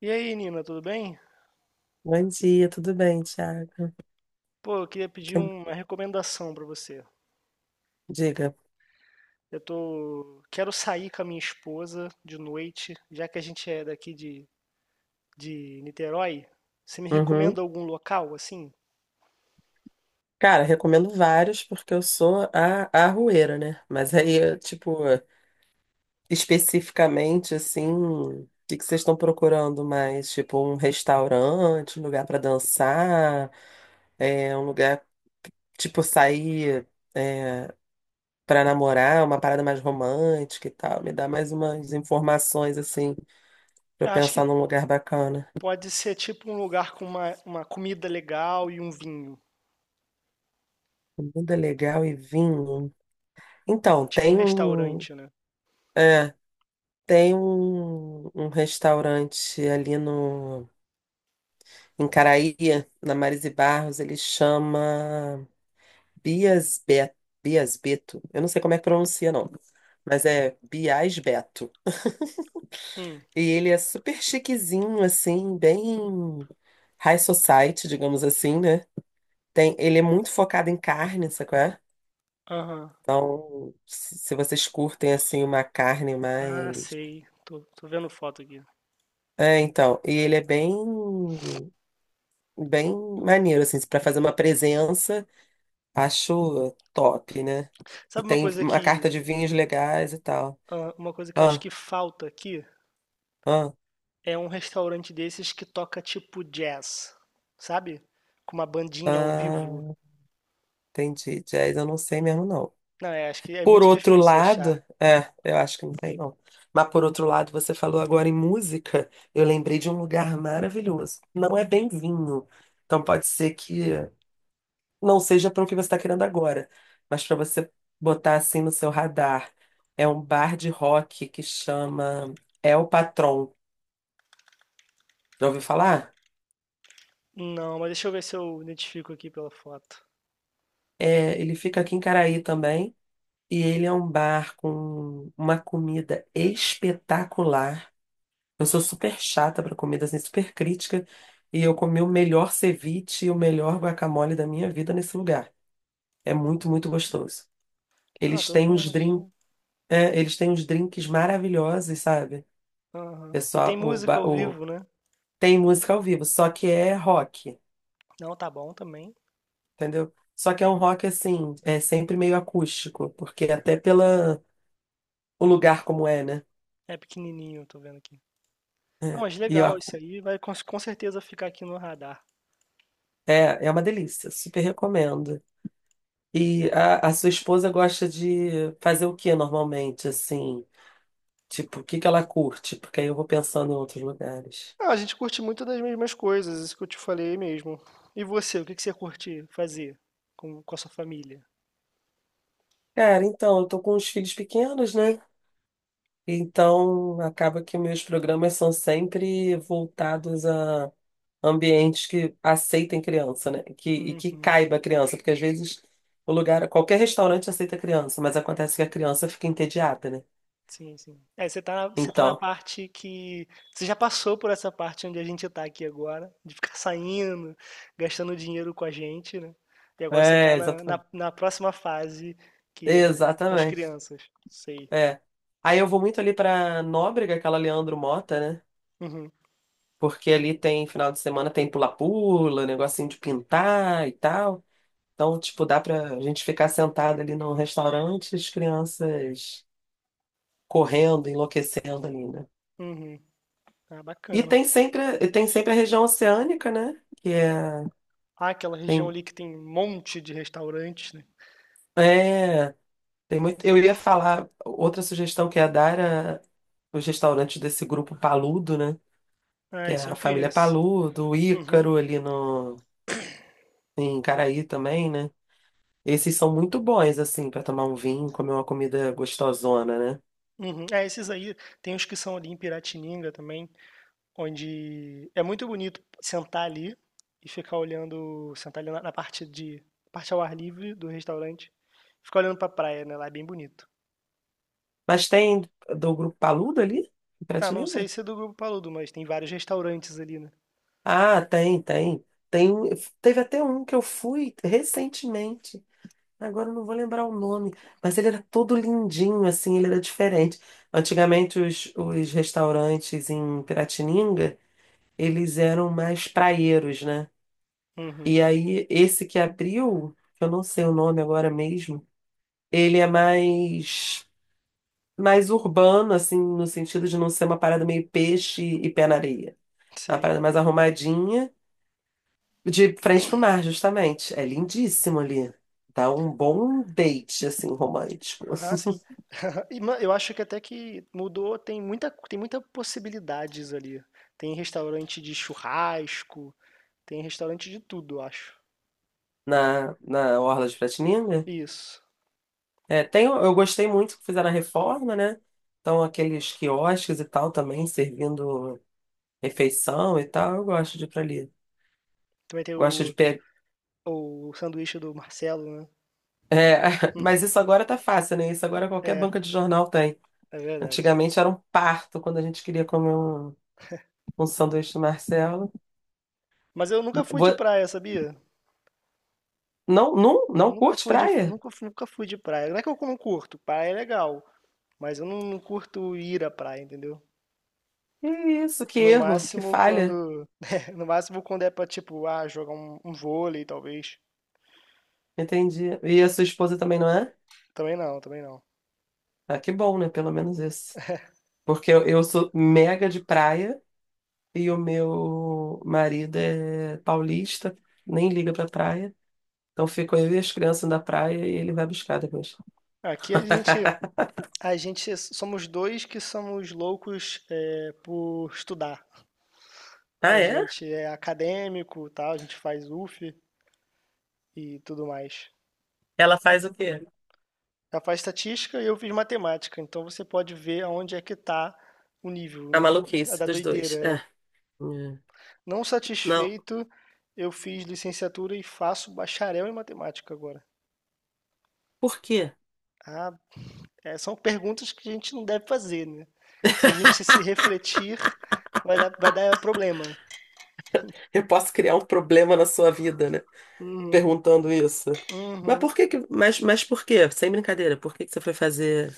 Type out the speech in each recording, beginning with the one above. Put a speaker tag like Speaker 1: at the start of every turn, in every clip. Speaker 1: E aí, Nina, tudo bem?
Speaker 2: Bom dia, tudo bem, Thiago?
Speaker 1: Pô, eu queria pedir
Speaker 2: Que-
Speaker 1: uma recomendação pra você.
Speaker 2: Diga.
Speaker 1: Quero sair com a minha esposa de noite, já que a gente é daqui de Niterói. Você me
Speaker 2: Uhum.
Speaker 1: recomenda algum local assim?
Speaker 2: Cara, recomendo vários porque eu sou a arrueira, né? Mas aí,
Speaker 1: Hum,
Speaker 2: eu, tipo, especificamente, assim, o que que vocês estão procurando mais? Tipo, um restaurante, um lugar pra dançar, um lugar, tipo, sair é, para namorar, uma parada mais romântica e tal. Me dá mais umas informações, assim, pra
Speaker 1: eu
Speaker 2: eu
Speaker 1: acho que
Speaker 2: pensar num lugar bacana.
Speaker 1: pode ser tipo um lugar com uma comida legal e um vinho,
Speaker 2: Comida legal e vinho. Então,
Speaker 1: tipo um
Speaker 2: tem um.
Speaker 1: restaurante, né?
Speaker 2: É, tem um restaurante ali no, em Caraía, na Marise Barros, ele chama Bias Beto, Bias Beto. Eu não sei como é que pronuncia, não, mas é Bias Beto.
Speaker 1: Hum,
Speaker 2: E ele é super chiquezinho, assim, bem high society, digamos assim, né? Tem, ele é muito focado em carne, sabe qual é?
Speaker 1: aham.
Speaker 2: Então, se vocês curtem, assim, uma carne
Speaker 1: Ah,
Speaker 2: mais...
Speaker 1: sei. Tô vendo foto aqui.
Speaker 2: É, então, e ele é bem bem maneiro, assim, para fazer uma presença, acho top, né? E
Speaker 1: Sabe uma
Speaker 2: tem
Speaker 1: coisa
Speaker 2: uma carta
Speaker 1: que,
Speaker 2: de vinhos legais e tal.
Speaker 1: ah, uma coisa que eu acho
Speaker 2: Ah,
Speaker 1: que falta aqui?
Speaker 2: ah,
Speaker 1: É um restaurante desses que toca tipo jazz, sabe? Com uma bandinha ao
Speaker 2: ah,
Speaker 1: vivo.
Speaker 2: entendi. Jazz eu não sei mesmo, não.
Speaker 1: Não, é, acho que é
Speaker 2: Por
Speaker 1: muito
Speaker 2: outro
Speaker 1: difícil
Speaker 2: lado,
Speaker 1: achar.
Speaker 2: eu acho que não sei, não. Mas por outro lado, você falou agora em música, eu lembrei de um lugar maravilhoso. Não é bem vinho, então pode ser que não seja para o que você está querendo agora, mas para você botar assim no seu radar. É um bar de rock que chama El Patron. Já ouviu falar?
Speaker 1: Não, mas deixa eu ver se eu identifico aqui pela foto.
Speaker 2: É, ele fica aqui em Caraí também. E ele é um bar com uma comida espetacular. Eu sou super chata para comida, assim, super crítica. E eu comi o melhor ceviche e o melhor guacamole da minha vida nesse lugar. É muito, muito gostoso.
Speaker 1: Ah,
Speaker 2: Eles
Speaker 1: tô
Speaker 2: têm uns
Speaker 1: vendo aqui.
Speaker 2: drinks, eles têm uns drinks maravilhosos, sabe?
Speaker 1: Aham. E tem
Speaker 2: Pessoal, o,
Speaker 1: música
Speaker 2: ba-
Speaker 1: ao
Speaker 2: o-
Speaker 1: vivo, né?
Speaker 2: tem música ao vivo, só que é rock,
Speaker 1: Não, tá bom também.
Speaker 2: entendeu? Só que é um rock assim, é sempre meio acústico, porque até pela o lugar como é, né?
Speaker 1: É pequenininho, tô vendo aqui. Não,
Speaker 2: É,
Speaker 1: mas
Speaker 2: e eu
Speaker 1: legal, isso
Speaker 2: acu-
Speaker 1: aí vai com certeza ficar aqui no radar.
Speaker 2: é, é uma delícia, super recomendo. E a sua esposa gosta de fazer o que normalmente, assim? Tipo, o que que ela curte? Porque aí eu vou pensando em outros lugares.
Speaker 1: Ah, a gente curte muito das mesmas coisas, isso que eu te falei mesmo. E você, o que que você curte fazer com a sua família?
Speaker 2: Cara, então, eu tô com os filhos pequenos, né? Então, acaba que meus programas são sempre voltados a ambientes que aceitem criança, né? Que, e que
Speaker 1: Uhum.
Speaker 2: caiba a criança, porque às vezes o lugar, qualquer restaurante aceita criança, mas acontece que a criança fica entediada, né?
Speaker 1: Sim, sim. É, você tá na
Speaker 2: Então,
Speaker 1: parte que você já passou por essa parte onde a gente tá aqui agora, de ficar saindo, gastando dinheiro com a gente, né. E agora você tá
Speaker 2: é,
Speaker 1: na
Speaker 2: exatamente.
Speaker 1: na na próxima fase, que é com as
Speaker 2: Exatamente.
Speaker 1: crianças. Sei.
Speaker 2: É. Aí eu vou muito ali pra Nóbrega, aquela Leandro Mota, né?
Speaker 1: Uhum,
Speaker 2: Porque ali tem final de semana tem pula-pula, negocinho de pintar e tal. Então, tipo, dá pra gente ficar sentado ali num restaurante, as crianças correndo, enlouquecendo ali, né?
Speaker 1: uhum. Ah,
Speaker 2: E
Speaker 1: bacana.
Speaker 2: tem sempre, e tem sempre a região oceânica, né? Que
Speaker 1: Ah, aquela região
Speaker 2: tem,
Speaker 1: ali que tem um monte de restaurantes, né.
Speaker 2: é, tem muito. Eu ia falar, outra sugestão que ia dar era os restaurantes desse grupo Paludo, né?
Speaker 1: Ah,
Speaker 2: Que é
Speaker 1: isso
Speaker 2: a
Speaker 1: eu
Speaker 2: família
Speaker 1: conheço.
Speaker 2: Paludo, o
Speaker 1: Uhum,
Speaker 2: Ícaro ali no, em Caraí também, né? Esses são muito bons, assim, para tomar um vinho, comer uma comida gostosona, né?
Speaker 1: uhum. É, esses aí, tem os que são ali em Piratininga também, onde é muito bonito sentar ali e ficar olhando, sentar ali na parte de parte ao ar livre do restaurante, ficar olhando pra praia, né? Lá é bem bonito.
Speaker 2: Mas tem do grupo Paludo ali? Em
Speaker 1: Ah, não
Speaker 2: Prateleira?
Speaker 1: sei se é do Grupo Paludo, mas tem vários restaurantes ali, né?
Speaker 2: Ah, tem, tem. Tem, teve até um que eu fui recentemente. Agora eu não vou lembrar o nome, mas ele era todo lindinho, assim, ele era diferente. Antigamente, os restaurantes em Piratininga, eles eram mais praieiros, né?
Speaker 1: Uhum,
Speaker 2: E aí, esse que abriu, que eu não sei o nome agora mesmo, ele é mais, mais urbano, assim, no sentido de não ser uma parada meio peixe e pé na areia. É uma
Speaker 1: sei.
Speaker 2: parada mais arrumadinha, de frente pro mar, justamente. É lindíssimo ali. Dá um bom date, assim, romântico.
Speaker 1: Ah, sim. E, eu acho que até que mudou, tem muita possibilidades ali. Tem restaurante de churrasco, tem restaurante de tudo, eu acho.
Speaker 2: Na, na Orla de Piratininga.
Speaker 1: Isso.
Speaker 2: É, tem, eu gostei muito que fizeram a reforma, né? Então, aqueles quiosques e tal também, servindo refeição e tal, eu gosto de ir pra ali.
Speaker 1: Também tem
Speaker 2: Gosto de pegar.
Speaker 1: o sanduíche do Marcelo, né?
Speaker 2: Mas isso agora tá fácil, né? Isso agora qualquer
Speaker 1: É,
Speaker 2: banca de jornal tem.
Speaker 1: é verdade.
Speaker 2: Antigamente era um parto quando a gente queria comer um sanduíche do Marcelo.
Speaker 1: Mas eu nunca fui de
Speaker 2: Vo-
Speaker 1: praia, sabia?
Speaker 2: Não, não, não curte praia?
Speaker 1: Nunca fui de praia. Não é que eu não curto, praia é legal, mas eu não curto ir à praia, entendeu?
Speaker 2: Que isso, que
Speaker 1: No
Speaker 2: erro, que
Speaker 1: máximo
Speaker 2: falha.
Speaker 1: quando no máximo quando é pra, tipo, ah, jogar um vôlei, talvez.
Speaker 2: Entendi. E a sua esposa também não é?
Speaker 1: Também não, também não.
Speaker 2: Ah, que bom, né? Pelo menos isso. Porque eu sou mega de praia e o meu marido é paulista, nem liga pra praia. Então fico eu e as crianças na praia e ele vai buscar depois.
Speaker 1: Aqui a gente somos 2 que somos loucos, por estudar.
Speaker 2: Ah,
Speaker 1: A
Speaker 2: é?
Speaker 1: gente é acadêmico, tal, a gente faz UF e tudo mais.
Speaker 2: Ela faz o quê?
Speaker 1: Ela faz estatística e eu fiz matemática, então você pode ver aonde é que está o nível,
Speaker 2: A
Speaker 1: né? É
Speaker 2: maluquice
Speaker 1: da
Speaker 2: dos
Speaker 1: doideira.
Speaker 2: dois. É.
Speaker 1: É.
Speaker 2: Hum.
Speaker 1: Não
Speaker 2: Não.
Speaker 1: satisfeito, eu fiz licenciatura e faço bacharel em matemática agora.
Speaker 2: Por quê?
Speaker 1: Ah, é, são perguntas que a gente não deve fazer, né? Se a gente se refletir, vai dar problema.
Speaker 2: Eu posso criar um problema na sua vida, né?
Speaker 1: Uhum,
Speaker 2: Perguntando isso.
Speaker 1: uhum.
Speaker 2: Mas por quê? Sem brincadeira, por que que você foi fazer...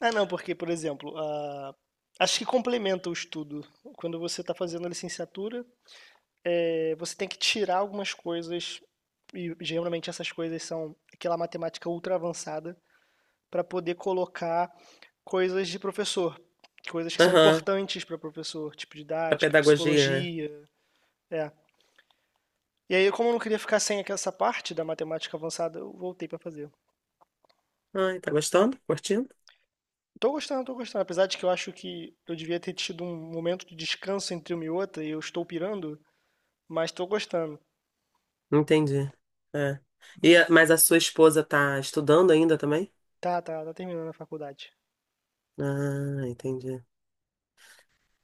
Speaker 1: Ah, não, porque, por exemplo, acho que complementa o estudo. Quando você está fazendo a licenciatura, é, você tem que tirar algumas coisas, e geralmente essas coisas são aquela matemática ultra avançada, para poder colocar coisas de professor, coisas que são
Speaker 2: Aham,
Speaker 1: importantes para professor, tipo
Speaker 2: pra
Speaker 1: didática,
Speaker 2: pedagogia, né?
Speaker 1: psicologia, é. E aí, como eu não queria ficar sem essa parte da matemática avançada, eu voltei para fazer.
Speaker 2: Ai, tá gostando? Curtindo?
Speaker 1: Tô gostando, tô gostando. Apesar de que eu acho que eu devia ter tido um momento de descanso entre uma e outra, e eu estou pirando, mas tô gostando.
Speaker 2: Entendi. É. E, mas a sua esposa tá estudando ainda também?
Speaker 1: Tá, tá, tá terminando a faculdade.
Speaker 2: Ah, entendi.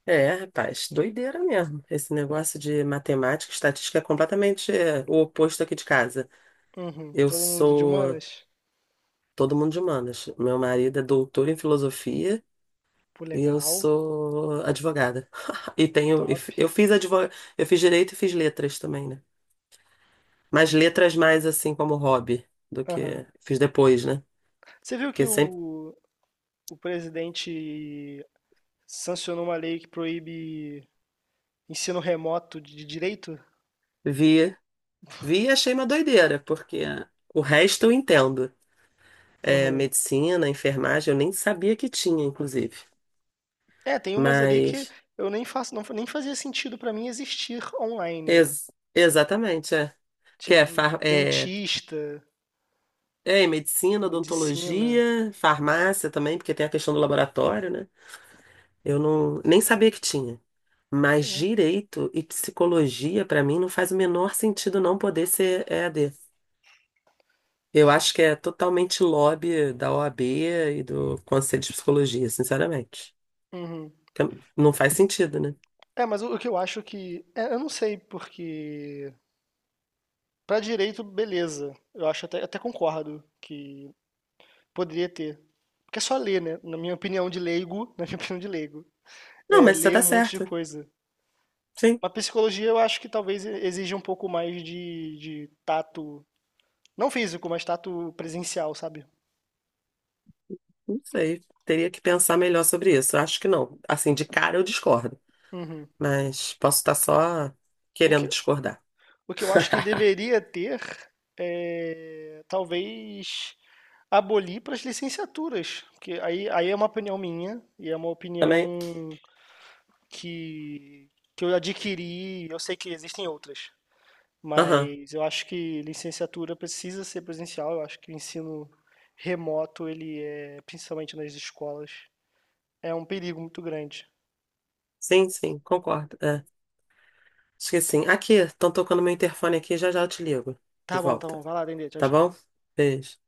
Speaker 2: É, rapaz, doideira mesmo. Esse negócio de matemática, estatística é completamente o oposto aqui de casa.
Speaker 1: Uhum.
Speaker 2: Eu
Speaker 1: Todo mundo de
Speaker 2: sou
Speaker 1: humanas?
Speaker 2: todo mundo de humanas. Meu marido é doutor em filosofia
Speaker 1: Pô,
Speaker 2: e eu
Speaker 1: legal,
Speaker 2: sou advogada. E tenho, e
Speaker 1: top.
Speaker 2: f- eu fiz advog... eu fiz direito e fiz letras também, né? Mas letras mais assim como hobby do
Speaker 1: Aham.
Speaker 2: que fiz depois, né?
Speaker 1: Você viu que
Speaker 2: Porque sempre
Speaker 1: o presidente sancionou uma lei que proíbe ensino remoto de direito?
Speaker 2: vi. Vi e achei uma doideira, porque o resto eu entendo. É,
Speaker 1: Aham.
Speaker 2: medicina, enfermagem, eu nem sabia que tinha, inclusive.
Speaker 1: É, tem umas ali que
Speaker 2: Mas,
Speaker 1: eu nem faço, não, nem fazia sentido pra mim existir online, né?
Speaker 2: ex- exatamente, é. Que
Speaker 1: Tipo,
Speaker 2: é, far- é,
Speaker 1: dentista,
Speaker 2: é medicina,
Speaker 1: medicina.
Speaker 2: odontologia, farmácia também, porque tem a questão do laboratório, né? Eu não, nem sabia que tinha. Mas direito e psicologia, pra mim, não faz o menor sentido não poder ser EAD. Eu acho que é totalmente lobby da OAB e do Conselho de Psicologia, sinceramente.
Speaker 1: Uhum.
Speaker 2: Tem- Não faz sentido, né?
Speaker 1: É, mas o que eu acho que. É, eu não sei, porque. Pra direito, beleza. Eu acho até, até concordo que poderia ter. Porque é só ler, né? Na minha opinião de leigo, na minha opinião de leigo,
Speaker 2: Não,
Speaker 1: é
Speaker 2: mas você
Speaker 1: ler
Speaker 2: tá
Speaker 1: um monte de
Speaker 2: certa.
Speaker 1: coisa.
Speaker 2: Sim,
Speaker 1: Mas psicologia eu acho que talvez exija um pouco mais de tato, não físico, mas tato presencial, sabe?
Speaker 2: não sei. Teria que pensar melhor sobre isso. Eu acho que não. Assim, de cara eu discordo.
Speaker 1: Uhum.
Speaker 2: Mas posso estar só
Speaker 1: O
Speaker 2: querendo
Speaker 1: que,
Speaker 2: discordar.
Speaker 1: o que eu acho que deveria ter é talvez abolir para as licenciaturas. Porque aí, aí é uma opinião minha e é uma
Speaker 2: Também?
Speaker 1: opinião que, que eu adquiri, eu sei que existem outras.
Speaker 2: Aham.
Speaker 1: Mas eu acho que licenciatura precisa ser presencial, eu acho que o ensino remoto, ele é, principalmente nas escolas, é um perigo muito grande.
Speaker 2: Sim, sim, concordo. É. Acho que sim. Aqui, estão tocando meu interfone aqui, já já eu te ligo. De
Speaker 1: Tá
Speaker 2: volta.
Speaker 1: bom, vai lá, Dendê, tchau,
Speaker 2: Tá
Speaker 1: tchau.
Speaker 2: bom? Beijo.